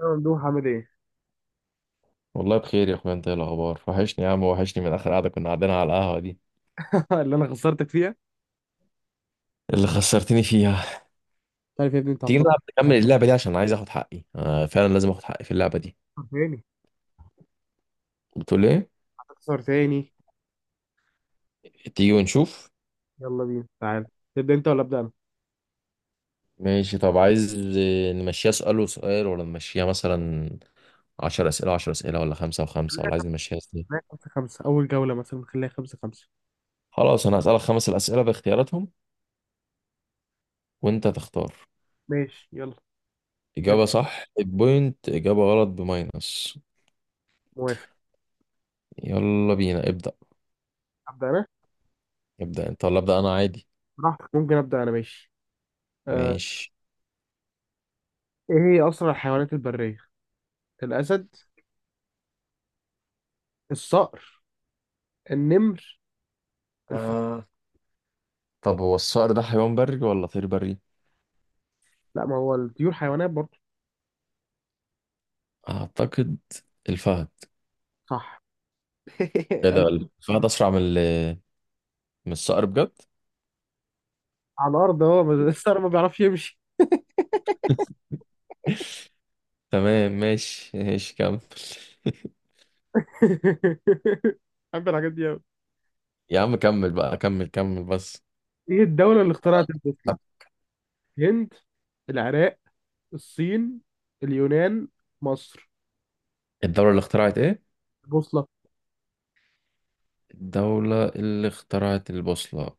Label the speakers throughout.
Speaker 1: يا ممدوح عامل ايه؟
Speaker 2: والله بخير يا اخويا، انت ايه الاخبار؟ وحشني يا عم، وحشني من اخر قعده كنا قاعدين على القهوه دي
Speaker 1: اللي انا خسرتك فيها.
Speaker 2: اللي خسرتني فيها.
Speaker 1: مش عارف يا ابني، انت
Speaker 2: تيجي
Speaker 1: هتبطل
Speaker 2: نلعب نكمل اللعبه دي عشان عايز اخد حقي، آه فعلا لازم اخد حقي في اللعبه دي.
Speaker 1: تاني؟
Speaker 2: بتقول ايه؟
Speaker 1: هتخسر تاني.
Speaker 2: تيجي ونشوف.
Speaker 1: يلا بينا تعال. تبدأ انت ولا أبدأ أنا؟
Speaker 2: ماشي، طب عايز نمشيها سؤال وسؤال ولا نمشيها مثلا 10 اسئله 10 اسئله، ولا خمسة وخمسة، ولا عايز نمشيها ازاي؟
Speaker 1: لا، خمسة خمسة أول جولة، مثلا خليها خمسة خمسة.
Speaker 2: خلاص انا هسالك خمس الاسئله باختياراتهم وانت تختار.
Speaker 1: ماشي يلا ابدأ.
Speaker 2: اجابه صح ببوينت، اجابه غلط بماينس.
Speaker 1: موافق.
Speaker 2: يلا بينا ابدا،
Speaker 1: أبدأ أنا؟
Speaker 2: ابدا انت ولا ابدا انا عادي.
Speaker 1: براحتك، ممكن أبدأ أنا، ماشي. آه.
Speaker 2: ماشي.
Speaker 1: إيه هي أسرع الحيوانات البرية؟ الأسد، الصقر، النمر، الفهد.
Speaker 2: آه. طب هو الصقر ده حيوان بري ولا طير بري؟
Speaker 1: لا، ما هو الطيور حيوانات برضه.
Speaker 2: اعتقد الفهد.
Speaker 1: صح.
Speaker 2: ايه
Speaker 1: أنا؟
Speaker 2: ده؟ الفهد اسرع من من الصقر بجد؟
Speaker 1: على الأرض، هو بس الصقر ما بيعرفش يمشي.
Speaker 2: تمام، ماشي ماشي كمل.
Speaker 1: بحب الحاجات دي أوي.
Speaker 2: يا عم كمل بقى، كمل كمل بس.
Speaker 1: إيه الدولة اللي اخترعت البوصلة؟
Speaker 2: طب
Speaker 1: الهند، العراق، الصين، اليونان، مصر.
Speaker 2: الدولة اللي اخترعت ايه؟
Speaker 1: البوصلة.
Speaker 2: الدولة اللي اخترعت البوصلة.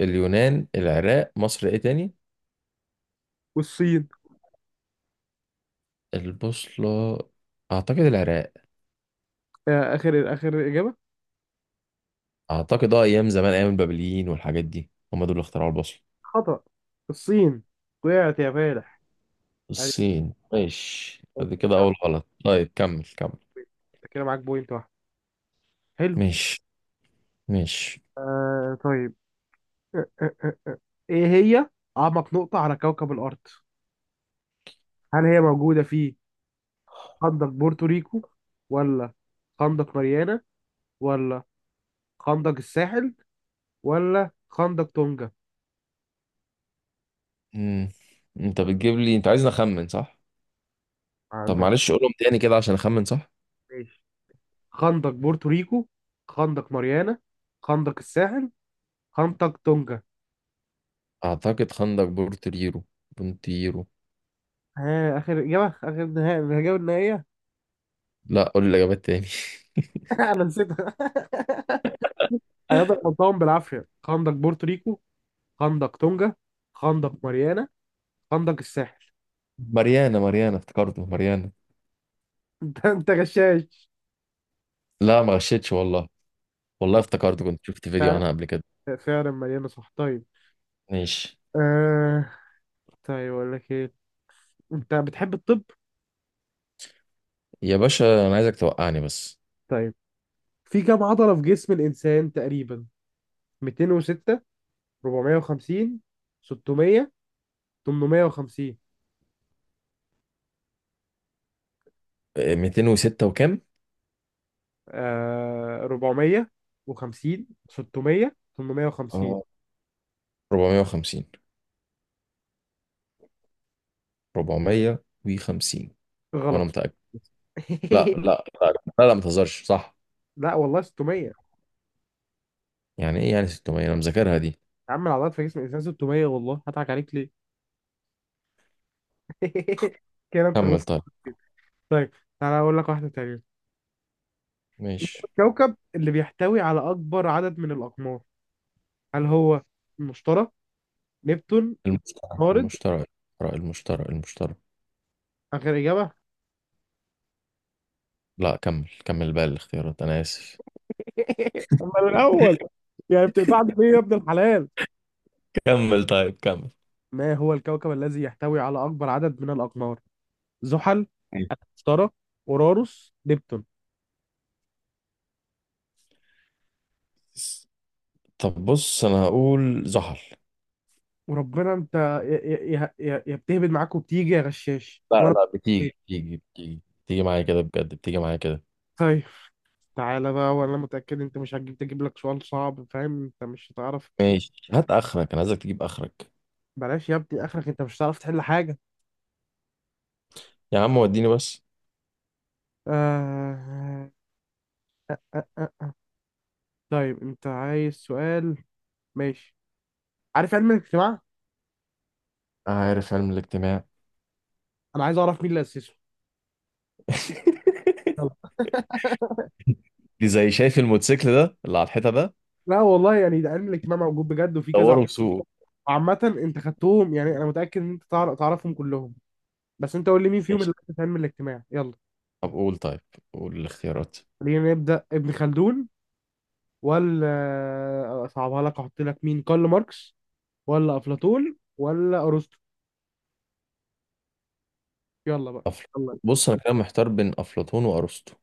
Speaker 2: اليونان، العراق، مصر، ايه تاني؟
Speaker 1: والصين.
Speaker 2: البوصلة. اعتقد العراق.
Speaker 1: آخر آخر إجابة.
Speaker 2: اعتقد اه ايام زمان، ايام البابليين والحاجات دي، هم دول اللي اخترعوا البوصلة.
Speaker 1: خطأ. الصين. وقعت يا فالح. يعني
Speaker 2: الصين؟ ماشي، ادي كده اول غلط. طيب كمل كمل.
Speaker 1: كده معاك بوينت واحد. حلو.
Speaker 2: ماشي ماشي.
Speaker 1: آه طيب. آه آه آه. إيه هي أعمق نقطة على كوكب الأرض؟ هل هي موجودة في خندق بورتوريكو، ولا خندق ماريانا، ولا خندق الساحل، ولا خندق تونجا؟
Speaker 2: مم. انت بتجيب لي انت عايزني اخمن صح؟ طب
Speaker 1: عندهم.
Speaker 2: معلش قولهم تاني كده عشان اخمن صح.
Speaker 1: ماشي. خندق بورتوريكو، خندق ماريانا، خندق الساحل، خندق تونجا.
Speaker 2: اعتقد خندق بورتريرو بونتيرو.
Speaker 1: ها، اخر اجابه، اخر نهائي الاجابه النهائيه.
Speaker 2: لا قول لي الاجابات تاني.
Speaker 1: انا نسيتها. انا قلتهم بالعافيه. خندق بورتوريكو، خندق تونجا، خندق ماريانا، خندق الساحل.
Speaker 2: ماريانا ماريانا، افتكرته ماريانا.
Speaker 1: انت غشاش.
Speaker 2: لا ما غشيتش والله، والله
Speaker 1: هو
Speaker 2: افتكرته، كنت شفت فيديو
Speaker 1: فعلا،
Speaker 2: عنها قبل كده.
Speaker 1: فعلا مليانه صح طيب.
Speaker 2: ماشي.
Speaker 1: آه... طيب اقول لك ايه. انت بتحب الطب؟
Speaker 2: يا باشا انا عايزك توقعني بس.
Speaker 1: طيب، في كم عضله في جسم الانسان تقريبا؟ 206، 450، 600، 850.
Speaker 2: إيه، 206 وكام؟
Speaker 1: آه، 450، 600، 850.
Speaker 2: اه 450 450 وانا
Speaker 1: غلط.
Speaker 2: متأكد. لا لا لا، لا لا ما تهزرش، صح؟
Speaker 1: لا والله 600 يا
Speaker 2: يعني ايه يعني 600؟ انا مذاكرها دي.
Speaker 1: عم. العضلات في جسم الانسان 600، والله هضحك عليك ليه؟ كده انت
Speaker 2: كمل
Speaker 1: غلطت.
Speaker 2: طيب.
Speaker 1: طيب، تعالى اقول لك واحده تانية. إيه هو
Speaker 2: ماشي.
Speaker 1: الكوكب اللي بيحتوي على اكبر عدد من الاقمار؟ هل هو المشتري، نبتون،
Speaker 2: المشترى
Speaker 1: عطارد؟
Speaker 2: المشترى المشترى المشترى المشترى!
Speaker 1: اخر اجابه.
Speaker 2: لا كمل كمل بقى الاختيارات، انا اسف.
Speaker 1: امال الاول؟ يعني بتقطعني ليه يا ابن الحلال؟
Speaker 2: كمل طيب كمل.
Speaker 1: ما هو الكوكب الذي يحتوي على اكبر عدد من الاقمار؟ زحل،
Speaker 2: أيوة.
Speaker 1: اشترى، اوراروس، نبتون.
Speaker 2: طب بص انا هقول زحل.
Speaker 1: وربنا انت، يا بتهبد معاك وبتيجي يا غشاش
Speaker 2: لا
Speaker 1: وانا.
Speaker 2: لا، بتيجي بتيجي بتيجي بتيجي معايا كده بجد، بتيجي معايا كده.
Speaker 1: طيب، تعالى بقى، وانا متأكد انت مش هتجيب، تجيب لك سؤال صعب، فاهم؟ انت مش
Speaker 2: ماشي، هات اخرك، انا عايزك تجيب اخرك.
Speaker 1: بلاش يا ابني اخرك، انت مش هتعرف تحل حاجة.
Speaker 2: يا عم وديني بس.
Speaker 1: آه... آه... آه... آه. طيب انت عايز سؤال؟ ماشي. عارف علم الاجتماع؟
Speaker 2: عارف علم الاجتماع؟
Speaker 1: انا عايز اعرف مين اللي اسسه. يلا.
Speaker 2: دي زي شايف الموتوسيكل ده اللي على الحيطه ده،
Speaker 1: لا والله، يعني ده علم الاجتماع موجود بجد وفي كذا
Speaker 2: دوره وسوقه.
Speaker 1: عامة. انت خدتهم، يعني انا متأكد ان انت تعرفهم كلهم، بس انت قول لي مين فيهم
Speaker 2: ماشي.
Speaker 1: اللي في علم الاجتماع. يلا.
Speaker 2: طب قول، طيب قول الاختيارات.
Speaker 1: خلينا نبدأ. ابن خلدون، ولا اصعبها لك احط لك مين، كارل ماركس، ولا افلاطون، ولا ارسطو؟ يلا بقى.
Speaker 2: أفل...
Speaker 1: يلا.
Speaker 2: بص انا كده محتار بين افلاطون وارسطو.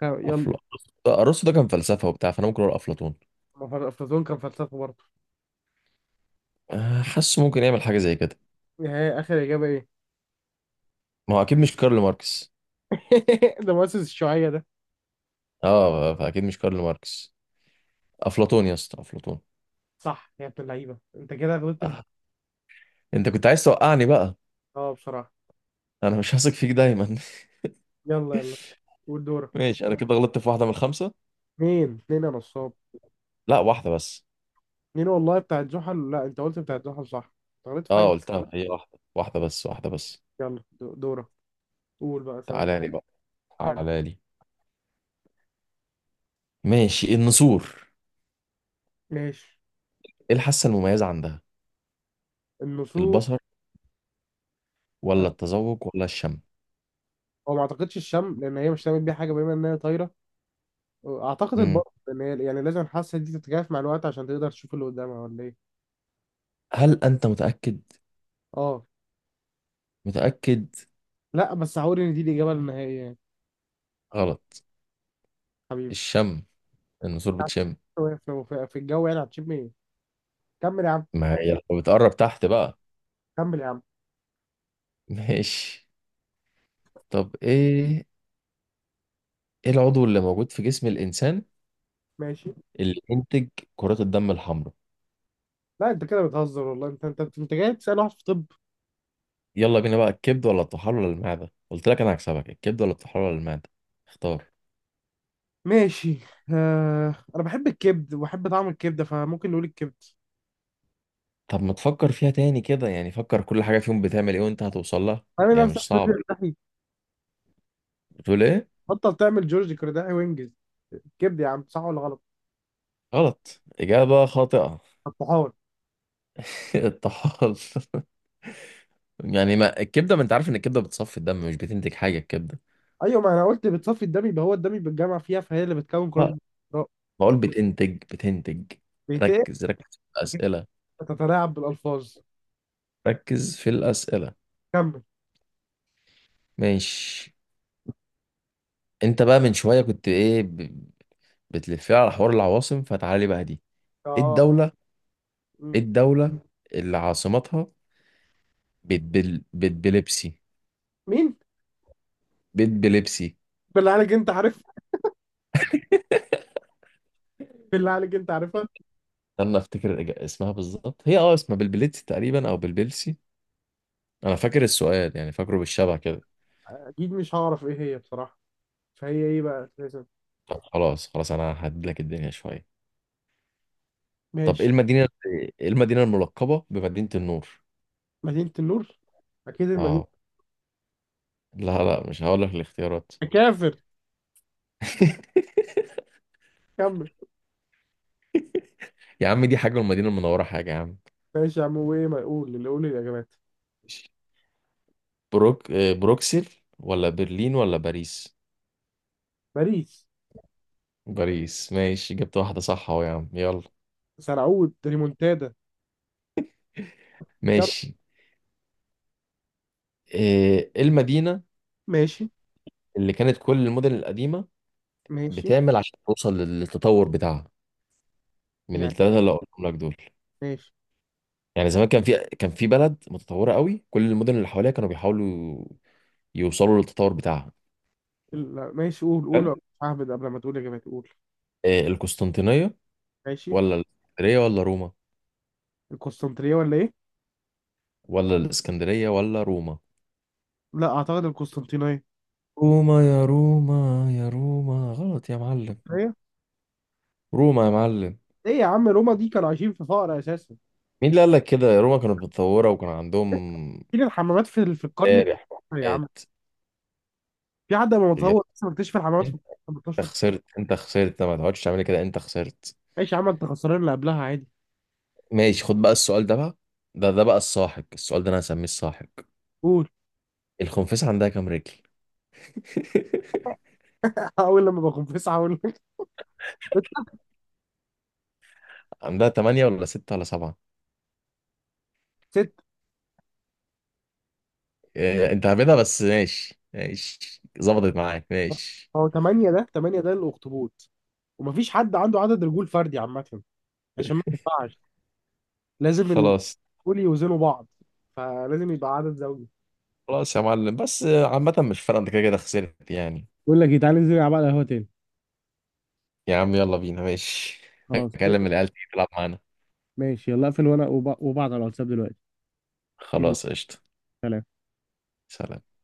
Speaker 1: يلا.
Speaker 2: أفل... ده ارسطو ده كان فلسفه وبتاع، فانا ممكن اقول افلاطون.
Speaker 1: ما فر- افلاطون كان فلسفة برضه.
Speaker 2: آه، حاسه ممكن يعمل حاجه زي كده.
Speaker 1: ايه اخر اجابة؟ ايه؟
Speaker 2: ما هو اكيد مش كارل ماركس.
Speaker 1: ده مؤسس الشيوعية ده.
Speaker 2: اه فاكيد مش كارل ماركس. افلاطون يا اسطى، افلاطون.
Speaker 1: صح يا ابن اللعيبة، انت كده غلطت في.
Speaker 2: آه. انت كنت عايز توقعني بقى.
Speaker 1: اه بصراحة.
Speaker 2: انا مش هثق فيك دايما.
Speaker 1: يلا يلا. قول دورك.
Speaker 2: ماشي. انا كده غلطت في واحده من الخمسه.
Speaker 1: مين اتنين يا نصاب؟
Speaker 2: لا واحده بس.
Speaker 1: اتنين والله، بتاعت زحل، لا انت قلت بتاعت زحل صح، انت غلطت في
Speaker 2: اه
Speaker 1: حاجة.
Speaker 2: قلتها، هي واحده واحده بس، واحده بس.
Speaker 1: يلا دورك. قول بقى سأل.
Speaker 2: تعالى لي بقى،
Speaker 1: عادي.
Speaker 2: تعالى لي. ماشي، النسور.
Speaker 1: ماشي.
Speaker 2: ايه الحاسه المميزه عندها؟
Speaker 1: النسور.
Speaker 2: البصر
Speaker 1: آه،
Speaker 2: ولا التذوق ولا الشم؟
Speaker 1: هو ما اعتقدش الشم، لان هي مش هتعمل بيها حاجه بما انها طايره. آه، اعتقد
Speaker 2: مم.
Speaker 1: البط، لان هي يعني لازم الحاسه دي تتكيف مع الوقت عشان تقدر تشوف اللي قدامها، ولا ايه؟
Speaker 2: هل أنت متأكد؟
Speaker 1: اه.
Speaker 2: متأكد؟
Speaker 1: لا بس هقول ان دي الاجابه النهائيه يعني.
Speaker 2: غلط.
Speaker 1: حبيبي.
Speaker 2: الشم، النسور بتشم.
Speaker 1: في في الجو يعني هتشم ايه؟ كمل يا عم.
Speaker 2: ما هي لو بتقرب تحت بقى.
Speaker 1: كمل يا عم.
Speaker 2: ماشي. طب إيه، إيه العضو اللي موجود في جسم الإنسان
Speaker 1: ماشي.
Speaker 2: اللي ينتج كرات الدم الحمراء؟
Speaker 1: لا، انت كده بتهزر والله، انت جاي تسال واحد في طب.
Speaker 2: يلا بينا بقى، الكبد ولا الطحال ولا المعدة؟ قلت لك أنا هكسبك. الكبد ولا الطحال ولا المعدة؟ اختار.
Speaker 1: ماشي. انا بحب الكبد وبحب طعم الكبده، فممكن نقول الكبد.
Speaker 2: طب ما تفكر فيها تاني كده، يعني فكر كل حاجة فيهم بتعمل إيه وأنت هتوصل لها.
Speaker 1: عامل
Speaker 2: هي
Speaker 1: نفسك
Speaker 2: مش صعبة.
Speaker 1: بتقول لي.
Speaker 2: بتقول إيه؟
Speaker 1: بطل تعمل جورج كرداحي وينجز. الكبد يا عم، صح ولا غلط؟
Speaker 2: غلط، إجابة خاطئة.
Speaker 1: الطحال.
Speaker 2: الطحال. يعني ما الكبده، ما انت عارف ان الكبده بتصفي الدم، مش بتنتج حاجه الكبده.
Speaker 1: ايوه، ما انا قلت بتصفي الدم، يبقى هو الدم بيتجمع فيها، فهي اللي بتكون كرات
Speaker 2: آه،
Speaker 1: البيضاء.
Speaker 2: بقول بتنتج بتنتج.
Speaker 1: بيتقل.
Speaker 2: ركز ركز في
Speaker 1: أكيد.
Speaker 2: الاسئله.
Speaker 1: بتتلاعب بالالفاظ.
Speaker 2: ركز في الاسئله.
Speaker 1: كمل.
Speaker 2: ماشي. انت بقى من شويه كنت ايه بتلفي على حوار العواصم، فتعالى بقى دي. ايه
Speaker 1: اه.
Speaker 2: الدوله،
Speaker 1: م.
Speaker 2: ايه الدوله اللي عاصمتها بتبلبسي؟
Speaker 1: مين؟
Speaker 2: بتبلبسي.
Speaker 1: بالله عليك انت عارف. بالله عليك انت عارفها.
Speaker 2: استنى افتكر اسمها بالظبط، هي اه اسمها بلبلتسي تقريبا او بلبلسي. انا فاكر السؤال يعني، فاكره بالشبه كده.
Speaker 1: اكيد مش هعرف ايه هي بصراحه. فهي ايه بقى اساسا؟
Speaker 2: طب خلاص خلاص، انا ههدلك الدنيا شويه. طب ايه
Speaker 1: ماشي.
Speaker 2: المدينة، ايه المدينة الملقبة بمدينة النور؟
Speaker 1: مدينه النور، اكيد المدينه.
Speaker 2: اه. لا لا، مش هقول لك الاختيارات.
Speaker 1: كافر. كمل.
Speaker 2: يا عم دي حاجة والمدينة المنورة حاجة يا عم.
Speaker 1: ماشي يا عم، وايه؟ ما اقول اللي، قول الاجابات.
Speaker 2: ماشي. بروكسل ولا برلين ولا باريس؟
Speaker 1: باريس.
Speaker 2: باريس؟ ماشي، جبت واحدة صح اهو يا عم، يلا.
Speaker 1: سنعود ريمونتادا. كم؟
Speaker 2: ماشي. آه، ايه المدينة
Speaker 1: ماشي.
Speaker 2: اللي كانت كل المدن القديمة
Speaker 1: ماشي.
Speaker 2: بتعمل عشان توصل للتطور بتاعها؟ من
Speaker 1: يعني
Speaker 2: الثلاثة اللي قلتهم لك دول.
Speaker 1: ماشي.
Speaker 2: يعني زمان كان في بلد متطوره قوي، كل المدن اللي حواليها كانوا بيحاولوا يوصلوا للتطور بتاعها.
Speaker 1: لا، ماشي، قول
Speaker 2: حلو.
Speaker 1: قول. اهبد قبل ما تقول اجابتي. قول.
Speaker 2: إيه، القسطنطينيه
Speaker 1: ماشي.
Speaker 2: ولا الاسكندريه ولا روما؟
Speaker 1: القسطنطينيه ولا ايه؟
Speaker 2: ولا الاسكندريه ولا روما.
Speaker 1: لا اعتقد القسطنطينيه.
Speaker 2: روما، يا روما يا روما. غلط يا معلم؟
Speaker 1: ايه؟
Speaker 2: روما يا معلم.
Speaker 1: ايه يا عم، روما دي كانوا عايشين في فقر اساسا.
Speaker 2: مين اللي قال لك كده؟ روما كانت متطوره، وكان عندهم
Speaker 1: فين الحمامات؟ في القرن
Speaker 2: مذابح
Speaker 1: التاسع يا
Speaker 2: وحاجات.
Speaker 1: عم، في حد لما
Speaker 2: انت
Speaker 1: متصور لسه مكتشف الحمامات في القرن 18.
Speaker 2: خسرت، انت خسرت، ما تقعدش تعمل كده، انت خسرت.
Speaker 1: ماشي يا عم، انت خسران اللي قبلها عادي.
Speaker 2: ماشي، خد بقى السؤال ده بقى، ده بقى الساحق، السؤال ده انا هسميه الساحق.
Speaker 1: قول.
Speaker 2: الخنفسة عندها كام رجل؟
Speaker 1: اول لما بكون في تسعه اقول لك ست.
Speaker 2: عندها تمانية ولا ستة ولا سبعة؟
Speaker 1: ست.
Speaker 2: إيه، انت هبدها بس، ماشي ماشي، ظبطت معاك ماشي.
Speaker 1: هو ثمانية ده، ثمانية ده الأخطبوط. ومفيش حد عنده عدد رجول فردي عامة، عشان ما ينفعش، لازم
Speaker 2: خلاص.
Speaker 1: دول يوزنوا بعض، فلازم يبقى عدد زوجي.
Speaker 2: خلاص يا معلم، بس عامة مش فارقة، انت كده كده خسرت يعني.
Speaker 1: بقول لك إيه، تعالى ننزل نلعب على القهوة تاني.
Speaker 2: يا عم يلا بينا، ماشي.
Speaker 1: خلاص.
Speaker 2: هكلم العيال تيجي تلعب معانا.
Speaker 1: ماشي يلا اقفل، وانا وبعض على الواتساب دلوقتي. يلا.
Speaker 2: خلاص قشطة.
Speaker 1: سلام.
Speaker 2: سلام.